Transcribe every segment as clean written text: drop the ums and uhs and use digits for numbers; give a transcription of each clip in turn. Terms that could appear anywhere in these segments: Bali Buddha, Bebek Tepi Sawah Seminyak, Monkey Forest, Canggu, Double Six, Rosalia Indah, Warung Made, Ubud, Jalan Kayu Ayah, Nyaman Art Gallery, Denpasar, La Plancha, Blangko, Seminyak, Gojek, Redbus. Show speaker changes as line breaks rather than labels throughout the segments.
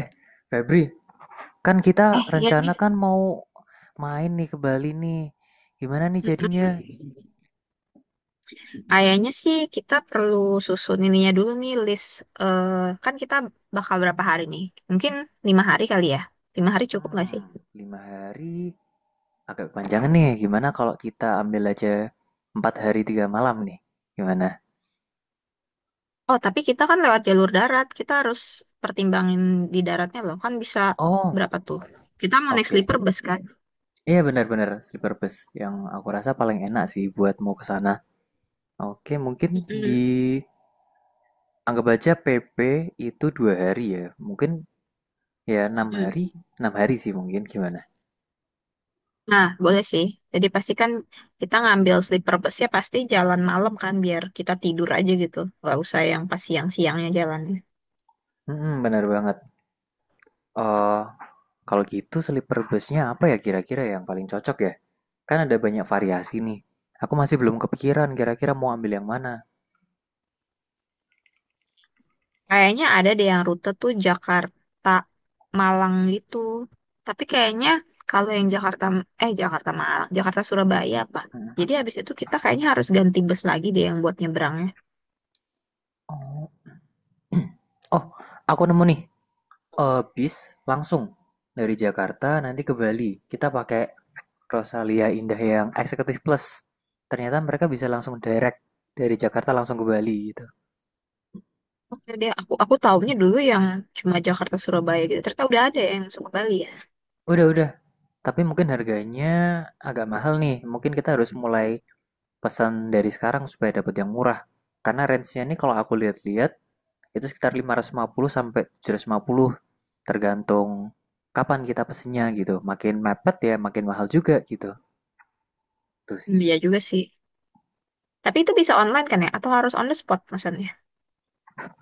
Eh, Febri, kan kita
Iya
rencana
nih.
kan mau main nih ke Bali nih. Gimana nih jadinya?
Mm-mm. Kayaknya sih kita perlu susun ininya dulu nih list. eh kan kita bakal berapa hari nih? Mungkin 5 hari kali ya. 5 hari cukup nggak sih?
Hmm, 5 hari agak panjang nih. Gimana kalau kita ambil aja 4 hari 3 malam nih? Gimana?
Oh, tapi kita kan lewat jalur darat. Kita harus pertimbangin di daratnya loh. Kan bisa
Oh,
berapa tuh? Kita mau naik
oke.
sleeper bus kan?
Iya benar-benar sleeper bus yang aku rasa paling enak sih buat mau ke sana. Oke, mungkin di
Mm-mm.
anggap aja PP itu 2 hari ya. Mungkin ya enam
Mm-mm.
hari, enam hari sih mungkin gimana?
Nah, boleh sih. Jadi pastikan kita ngambil sleeper busnya pasti jalan malam kan biar kita tidur aja gitu. Nggak usah yang pas siang-siangnya jalan.
Benar banget. Eh, Kalau gitu sleeper busnya apa ya kira-kira yang paling cocok ya? Kan ada banyak variasi nih. Aku masih belum kepikiran kira-kira mau ambil yang mana.
Kayaknya ada deh yang rute tuh Jakarta Malang gitu. Tapi kayaknya kalau yang Jakarta Malang, Jakarta Surabaya apa?
Hmm.
Jadi habis itu kita kayaknya harus ganti bus lagi deh yang buat nyebrangnya.
Oh, oh, aku nemu nih. Bis langsung dari Jakarta nanti ke Bali. Kita pakai Rosalia Indah yang Executive Plus. Ternyata mereka bisa langsung direct dari Jakarta langsung ke Bali gitu.
Oke deh, aku
Hmm.
taunya dulu yang cuma Jakarta Surabaya gitu. Ternyata udah ada yang suka Bali ya.
Udah, udah. Tapi mungkin harganya agak mahal nih. Mungkin kita harus mulai pesan dari sekarang supaya dapat yang murah. Karena range-nya ini kalau aku lihat-lihat itu sekitar 550 sampai 750 tergantung kapan kita pesennya gitu. Makin mepet ya makin mahal juga gitu. Tuh
Hmm,
sih.
iya juga sih. Tapi itu bisa online kan ya? Atau harus on the spot maksudnya?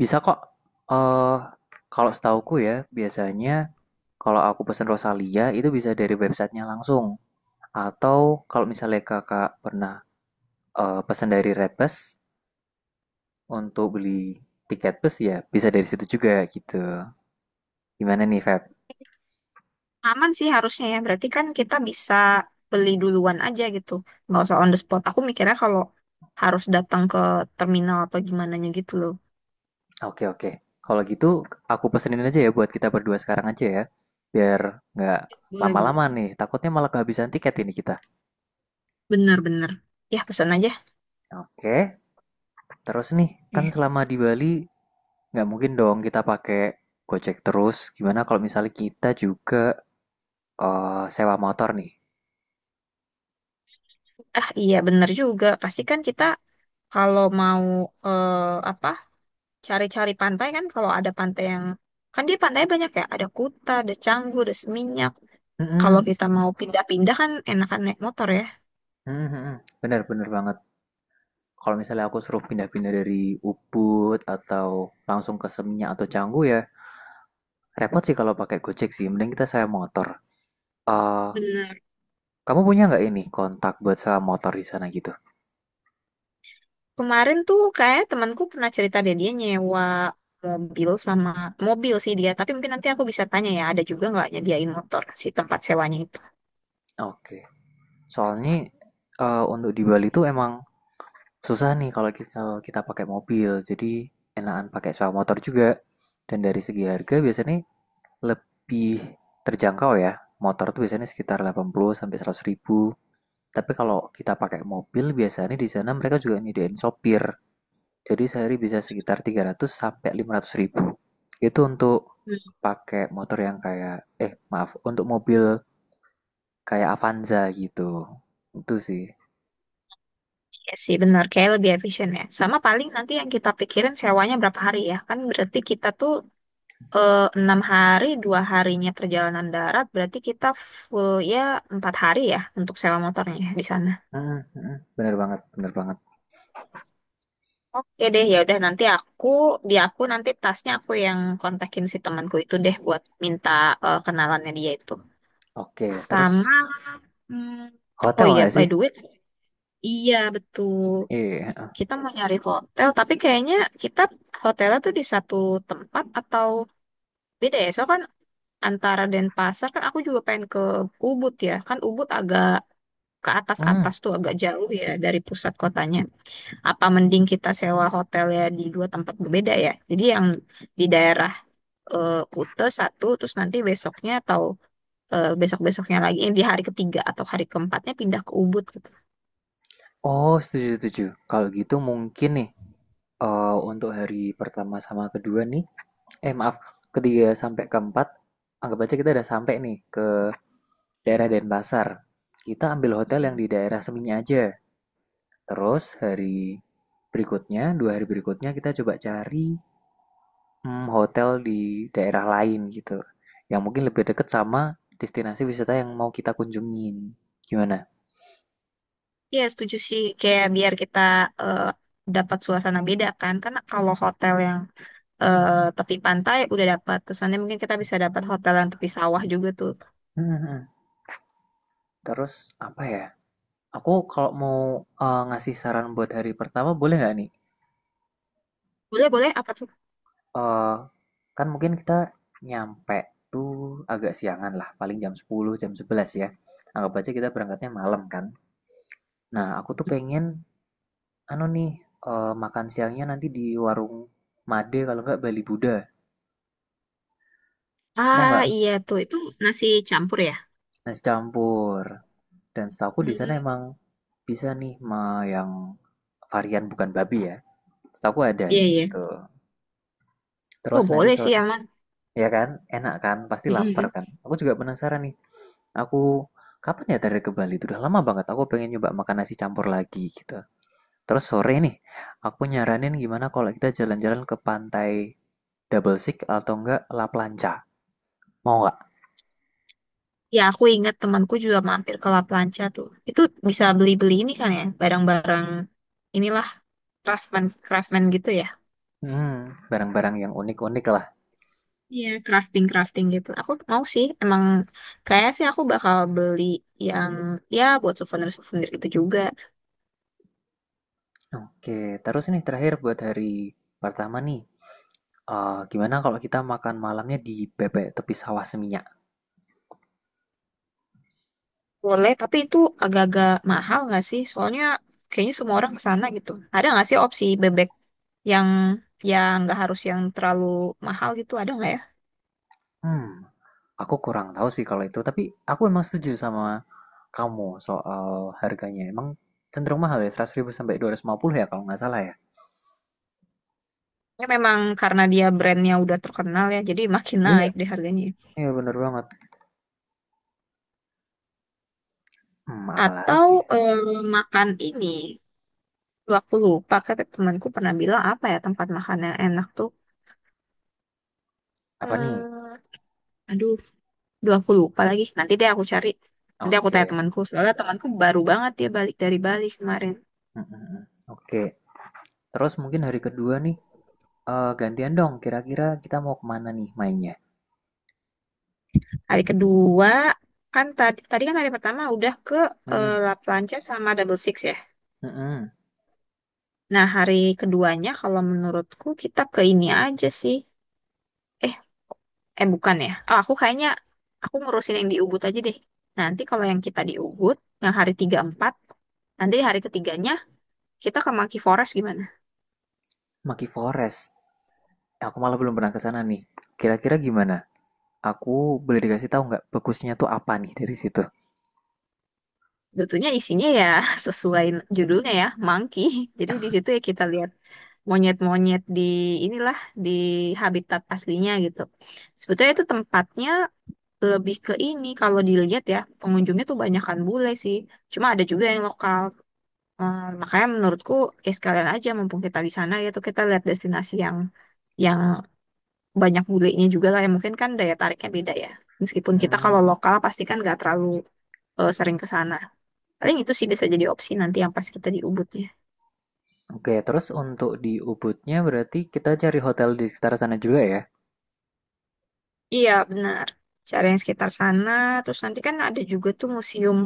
Bisa kok, eh kalau setauku ya biasanya kalau aku pesen Rosalia itu bisa dari websitenya langsung atau kalau misalnya kakak pernah pesan dari Redbus untuk beli tiket bus ya bisa dari situ juga gitu. Gimana nih Feb?
Aman sih harusnya ya. Berarti kan kita bisa beli duluan aja gitu. Nggak usah on the spot. Aku mikirnya kalau harus datang ke terminal atau gimana gitu loh.
Oke, oke. Kalau gitu aku pesenin aja ya buat kita berdua sekarang aja ya. Biar nggak
Boleh, boleh.
lama-lama nih. Takutnya malah kehabisan tiket ini kita.
Bener-bener. Ya, pesan aja.
Oke. Terus nih kan
Eh,
selama di Bali nggak mungkin dong kita pakai Gojek terus. Gimana kalau misalnya kita juga sewa motor nih?
Ah, iya bener juga. Pasti kan kita kalau mau eh, apa cari-cari pantai kan kalau ada pantai yang kan dia pantai banyak ya. Ada Kuta, ada Canggu, ada Seminyak. Kalau
Mm-mm.
kita mau pindah-pindah kan enakan naik motor ya.
Mm-mm, bener bener banget. Kalau misalnya aku suruh pindah-pindah dari Ubud atau langsung ke Seminyak atau Canggu ya repot sih kalau pakai Gojek sih. Mending kita sewa motor. Eh
Bener.
Kamu punya nggak ini kontak buat sewa motor di sana gitu?
Kemarin tuh kayak temanku pernah cerita deh dia nyewa mobil sama mobil sih dia. Tapi mungkin nanti aku bisa tanya ya, ada juga nggak nyediain motor si tempat sewanya itu.
Oke. Soalnya, untuk di Bali tuh emang susah nih kalau kita kita pakai mobil. Jadi enakan pakai sewa motor juga. Dan dari segi harga biasanya lebih terjangkau ya. Motor tuh biasanya sekitar 80 sampai 100 ribu. Tapi kalau kita pakai mobil biasanya di sana mereka juga nyediain sopir. Jadi sehari bisa sekitar 300 sampai 500 ribu. Itu untuk
Hmm.
pakai motor yang kayak, eh, maaf, untuk mobil kayak Avanza gitu. Itu sih.
Iya sih benar, kayak lebih efisien ya. Sama paling nanti yang kita pikirin sewanya berapa hari ya. Kan berarti kita tuh 6 hari, 2 harinya perjalanan darat, berarti kita full ya 4 hari ya untuk sewa motornya di sana.
Mm, mm, bener banget, bener banget.
Oke deh, ya udah nanti aku di aku nanti tasnya aku yang kontakin si temanku itu deh buat minta kenalannya dia itu.
Oke, terus
Sama hmm, oh
hotel
iya
nggak
by
sih?
the way, iya betul.
Iya.
Kita mau nyari hotel, tapi kayaknya kita hotelnya tuh di satu tempat atau beda ya? Soalnya kan antara Denpasar kan aku juga pengen ke Ubud ya. Kan Ubud agak ke
Hmm.
atas-atas tuh agak jauh ya dari pusat kotanya. Apa mending kita sewa hotel ya di dua tempat berbeda ya? Jadi yang di daerah Kute satu, terus nanti besoknya atau besok-besoknya lagi di hari ketiga atau hari keempatnya pindah ke Ubud gitu.
Oh, setuju, setuju. Kalau gitu mungkin nih, untuk hari pertama sama kedua nih, eh, maaf, ketiga sampai keempat, anggap aja kita udah sampai nih ke daerah Denpasar. Kita ambil hotel yang
mm
di daerah Seminya aja. Terus hari berikutnya, 2 hari berikutnya kita coba cari, hotel di daerah lain gitu. Yang mungkin lebih dekat sama destinasi wisata yang mau kita kunjungin. Gimana?
Iya setuju sih, kayak biar kita eh, dapat suasana beda kan, karena kalau hotel yang eh, tepi pantai udah dapat, terus nanti mungkin kita bisa dapat hotel yang tepi sawah juga tuh.
Hmm, Terus apa ya? Aku kalau mau, ngasih saran buat hari pertama boleh nggak nih?
Boleh, boleh. Apa tuh?
Eh, Kan mungkin kita nyampe tuh agak siangan lah, paling jam 10, jam 11 ya. Anggap aja kita berangkatnya malam kan. Nah, aku tuh pengen anu nih, makan siangnya nanti di warung Made kalau nggak Bali Buddha. Mau
Ah,
nggak?
iya tuh itu nasi campur ya?
Nasi campur. Dan setahu aku di sana
Hmm,
emang bisa nih ma yang varian bukan babi ya. Setahu aku ada
iya
di
iya.
situ.
Oh,
Terus nanti
boleh sih
sore,
aman.
ya kan? Enak kan? Pasti lapar kan? Aku juga penasaran nih. Aku kapan ya terakhir ke Bali? Itu udah lama banget. Aku pengen nyoba makan nasi campur lagi gitu. Terus sore nih, aku nyaranin gimana kalau kita jalan-jalan ke pantai Double Six atau enggak La Plancha. Mau nggak?
Ya, aku ingat temanku juga mampir ke La Plancha tuh. Itu bisa beli-beli ini kan ya, barang-barang inilah craftsman craftsman gitu ya.
Hmm, Barang-barang yang unik-unik lah.
Iya, crafting crafting gitu. Aku mau sih, emang kayak sih aku bakal beli yang ya buat souvenir souvenir gitu juga.
Oke, terus nih terakhir buat hari pertama nih. Gimana kalau kita makan malamnya di bebek tepi sawah seminyak?
Boleh, tapi itu agak-agak mahal nggak sih? Soalnya kayaknya semua orang ke sana gitu. Ada nggak sih opsi bebek yang yang nggak harus yang terlalu mahal gitu? Ada nggak ya?
Hmm, aku kurang tahu sih kalau itu, tapi aku emang setuju sama kamu soal harganya. Emang cenderung mahal ya, 100 ribu sampai 250 ya kalau nggak salah ya.
Ya memang karena dia brandnya udah terkenal ya, jadi makin
Iya,
naik deh harganya.
iya bener banget.
Atau
Apalagi ya?
eh, makan ini, tuh, aku lupa kata temanku pernah bilang apa ya tempat makan yang enak tuh.
Apa nih?
Hmm, aduh, duh aku lupa lagi. Nanti deh aku cari. Nanti aku tanya
Oke.
temanku. Soalnya temanku baru banget dia balik dari Bali kemarin.
Mm, mm, mm. Oke. Terus mungkin hari kedua nih, gantian dong, kira-kira kita mau kemana nih mainnya?
Hari kedua kan tadi tadi kan hari pertama udah ke
Mhm,
La Plancha sama Double Six ya.
mhm.
Nah, hari keduanya kalau menurutku kita ke ini aja sih. Eh. Eh, bukan ya. Oh, aku kayaknya aku ngurusin yang di Ubud aja deh. Nanti kalau yang kita di Ubud, yang hari tiga empat nanti di hari ketiganya kita ke Monkey Forest gimana?
Monkey Forest. Aku malah belum pernah ke sana nih. Kira-kira gimana? Aku boleh dikasih tahu nggak bagusnya tuh apa nih dari situ?
Tentunya isinya ya sesuai judulnya ya, monkey. Jadi di situ ya kita lihat monyet-monyet di inilah di habitat aslinya gitu. Sebetulnya itu tempatnya lebih ke ini kalau dilihat ya, pengunjungnya tuh banyakan bule sih. Cuma ada juga yang lokal. Makanya menurutku ya sekalian aja mumpung kita di sana ya tuh kita lihat destinasi yang banyak bulenya juga lah ya mungkin kan daya tariknya beda ya. Meskipun kita
Hmm,
kalau lokal pasti kan nggak terlalu sering ke sana. Paling itu sih bisa jadi opsi nanti yang pas kita di Ubudnya.
oke. Terus untuk di Ubudnya berarti kita cari hotel di sekitar sana juga ya?
Iya benar. Cari yang sekitar sana terus nanti kan ada juga tuh museum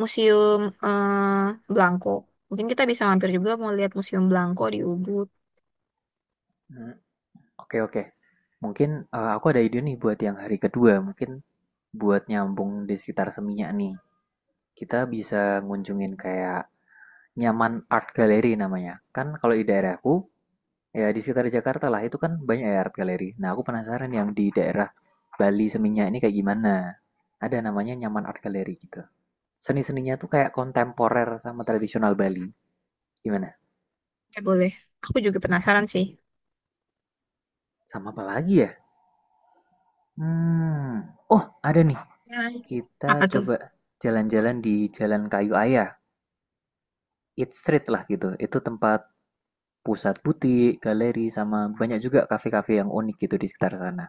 museum eh, Blangko. Mungkin kita bisa mampir juga mau lihat museum Blangko di Ubud.
Hmm, oke, oke. Mungkin, aku ada ide nih buat yang hari kedua. Mungkin buat nyambung di sekitar Seminyak nih. Kita bisa ngunjungin kayak Nyaman Art Gallery namanya. Kan kalau di daerahku, ya, di sekitar Jakarta lah, itu kan banyak ya art galeri. Nah, aku penasaran yang di daerah Bali Seminyak ini kayak gimana. Ada namanya Nyaman Art Gallery gitu. Seni-seninya tuh kayak kontemporer sama tradisional Bali. Gimana?
Ya, boleh. Aku juga penasaran sih.
Sama apa lagi ya? Hmm. Oh, ada nih.
Ya.
Kita
Apa tuh?
coba jalan-jalan di Jalan Kayu Ayah. Eat Street lah gitu. Itu tempat pusat butik, galeri, sama banyak juga kafe-kafe yang unik gitu di sekitar sana.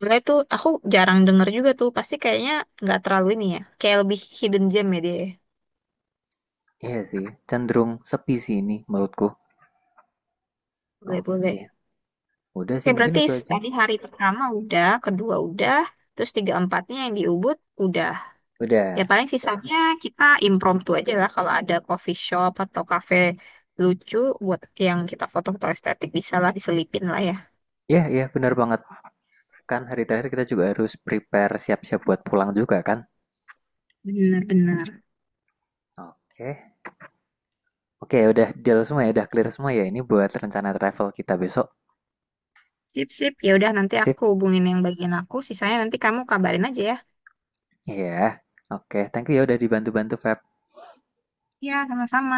Mulai tuh aku jarang denger juga tuh. Pasti kayaknya nggak terlalu ini ya. Kayak lebih hidden gem ya dia. Ya.
Iya sih, cenderung sepi sih ini menurutku.
Boleh,
Oke,
boleh.
udah
Oke,
sih, mungkin
berarti
itu aja.
tadi hari pertama udah, kedua udah, terus tiga empatnya yang di Ubud udah. Ya
Udah.
paling sisanya kita impromptu aja lah kalau ada coffee shop atau cafe lucu buat yang kita foto-foto estetik bisa lah diselipin lah ya.
Ya, ya, benar banget. Kan hari terakhir kita juga harus prepare siap-siap buat pulang juga kan?
Bener-bener.
Oke. Oke, udah deal semua ya, udah clear semua ya. Ini buat rencana travel kita besok.
Sip-sip. Ya udah nanti
Sip.
aku hubungin yang bagian aku, sisanya nanti kamu kabarin aja ya.
Iya. Oke, thank you ya udah dibantu-bantu Feb.
Ya, sama-sama.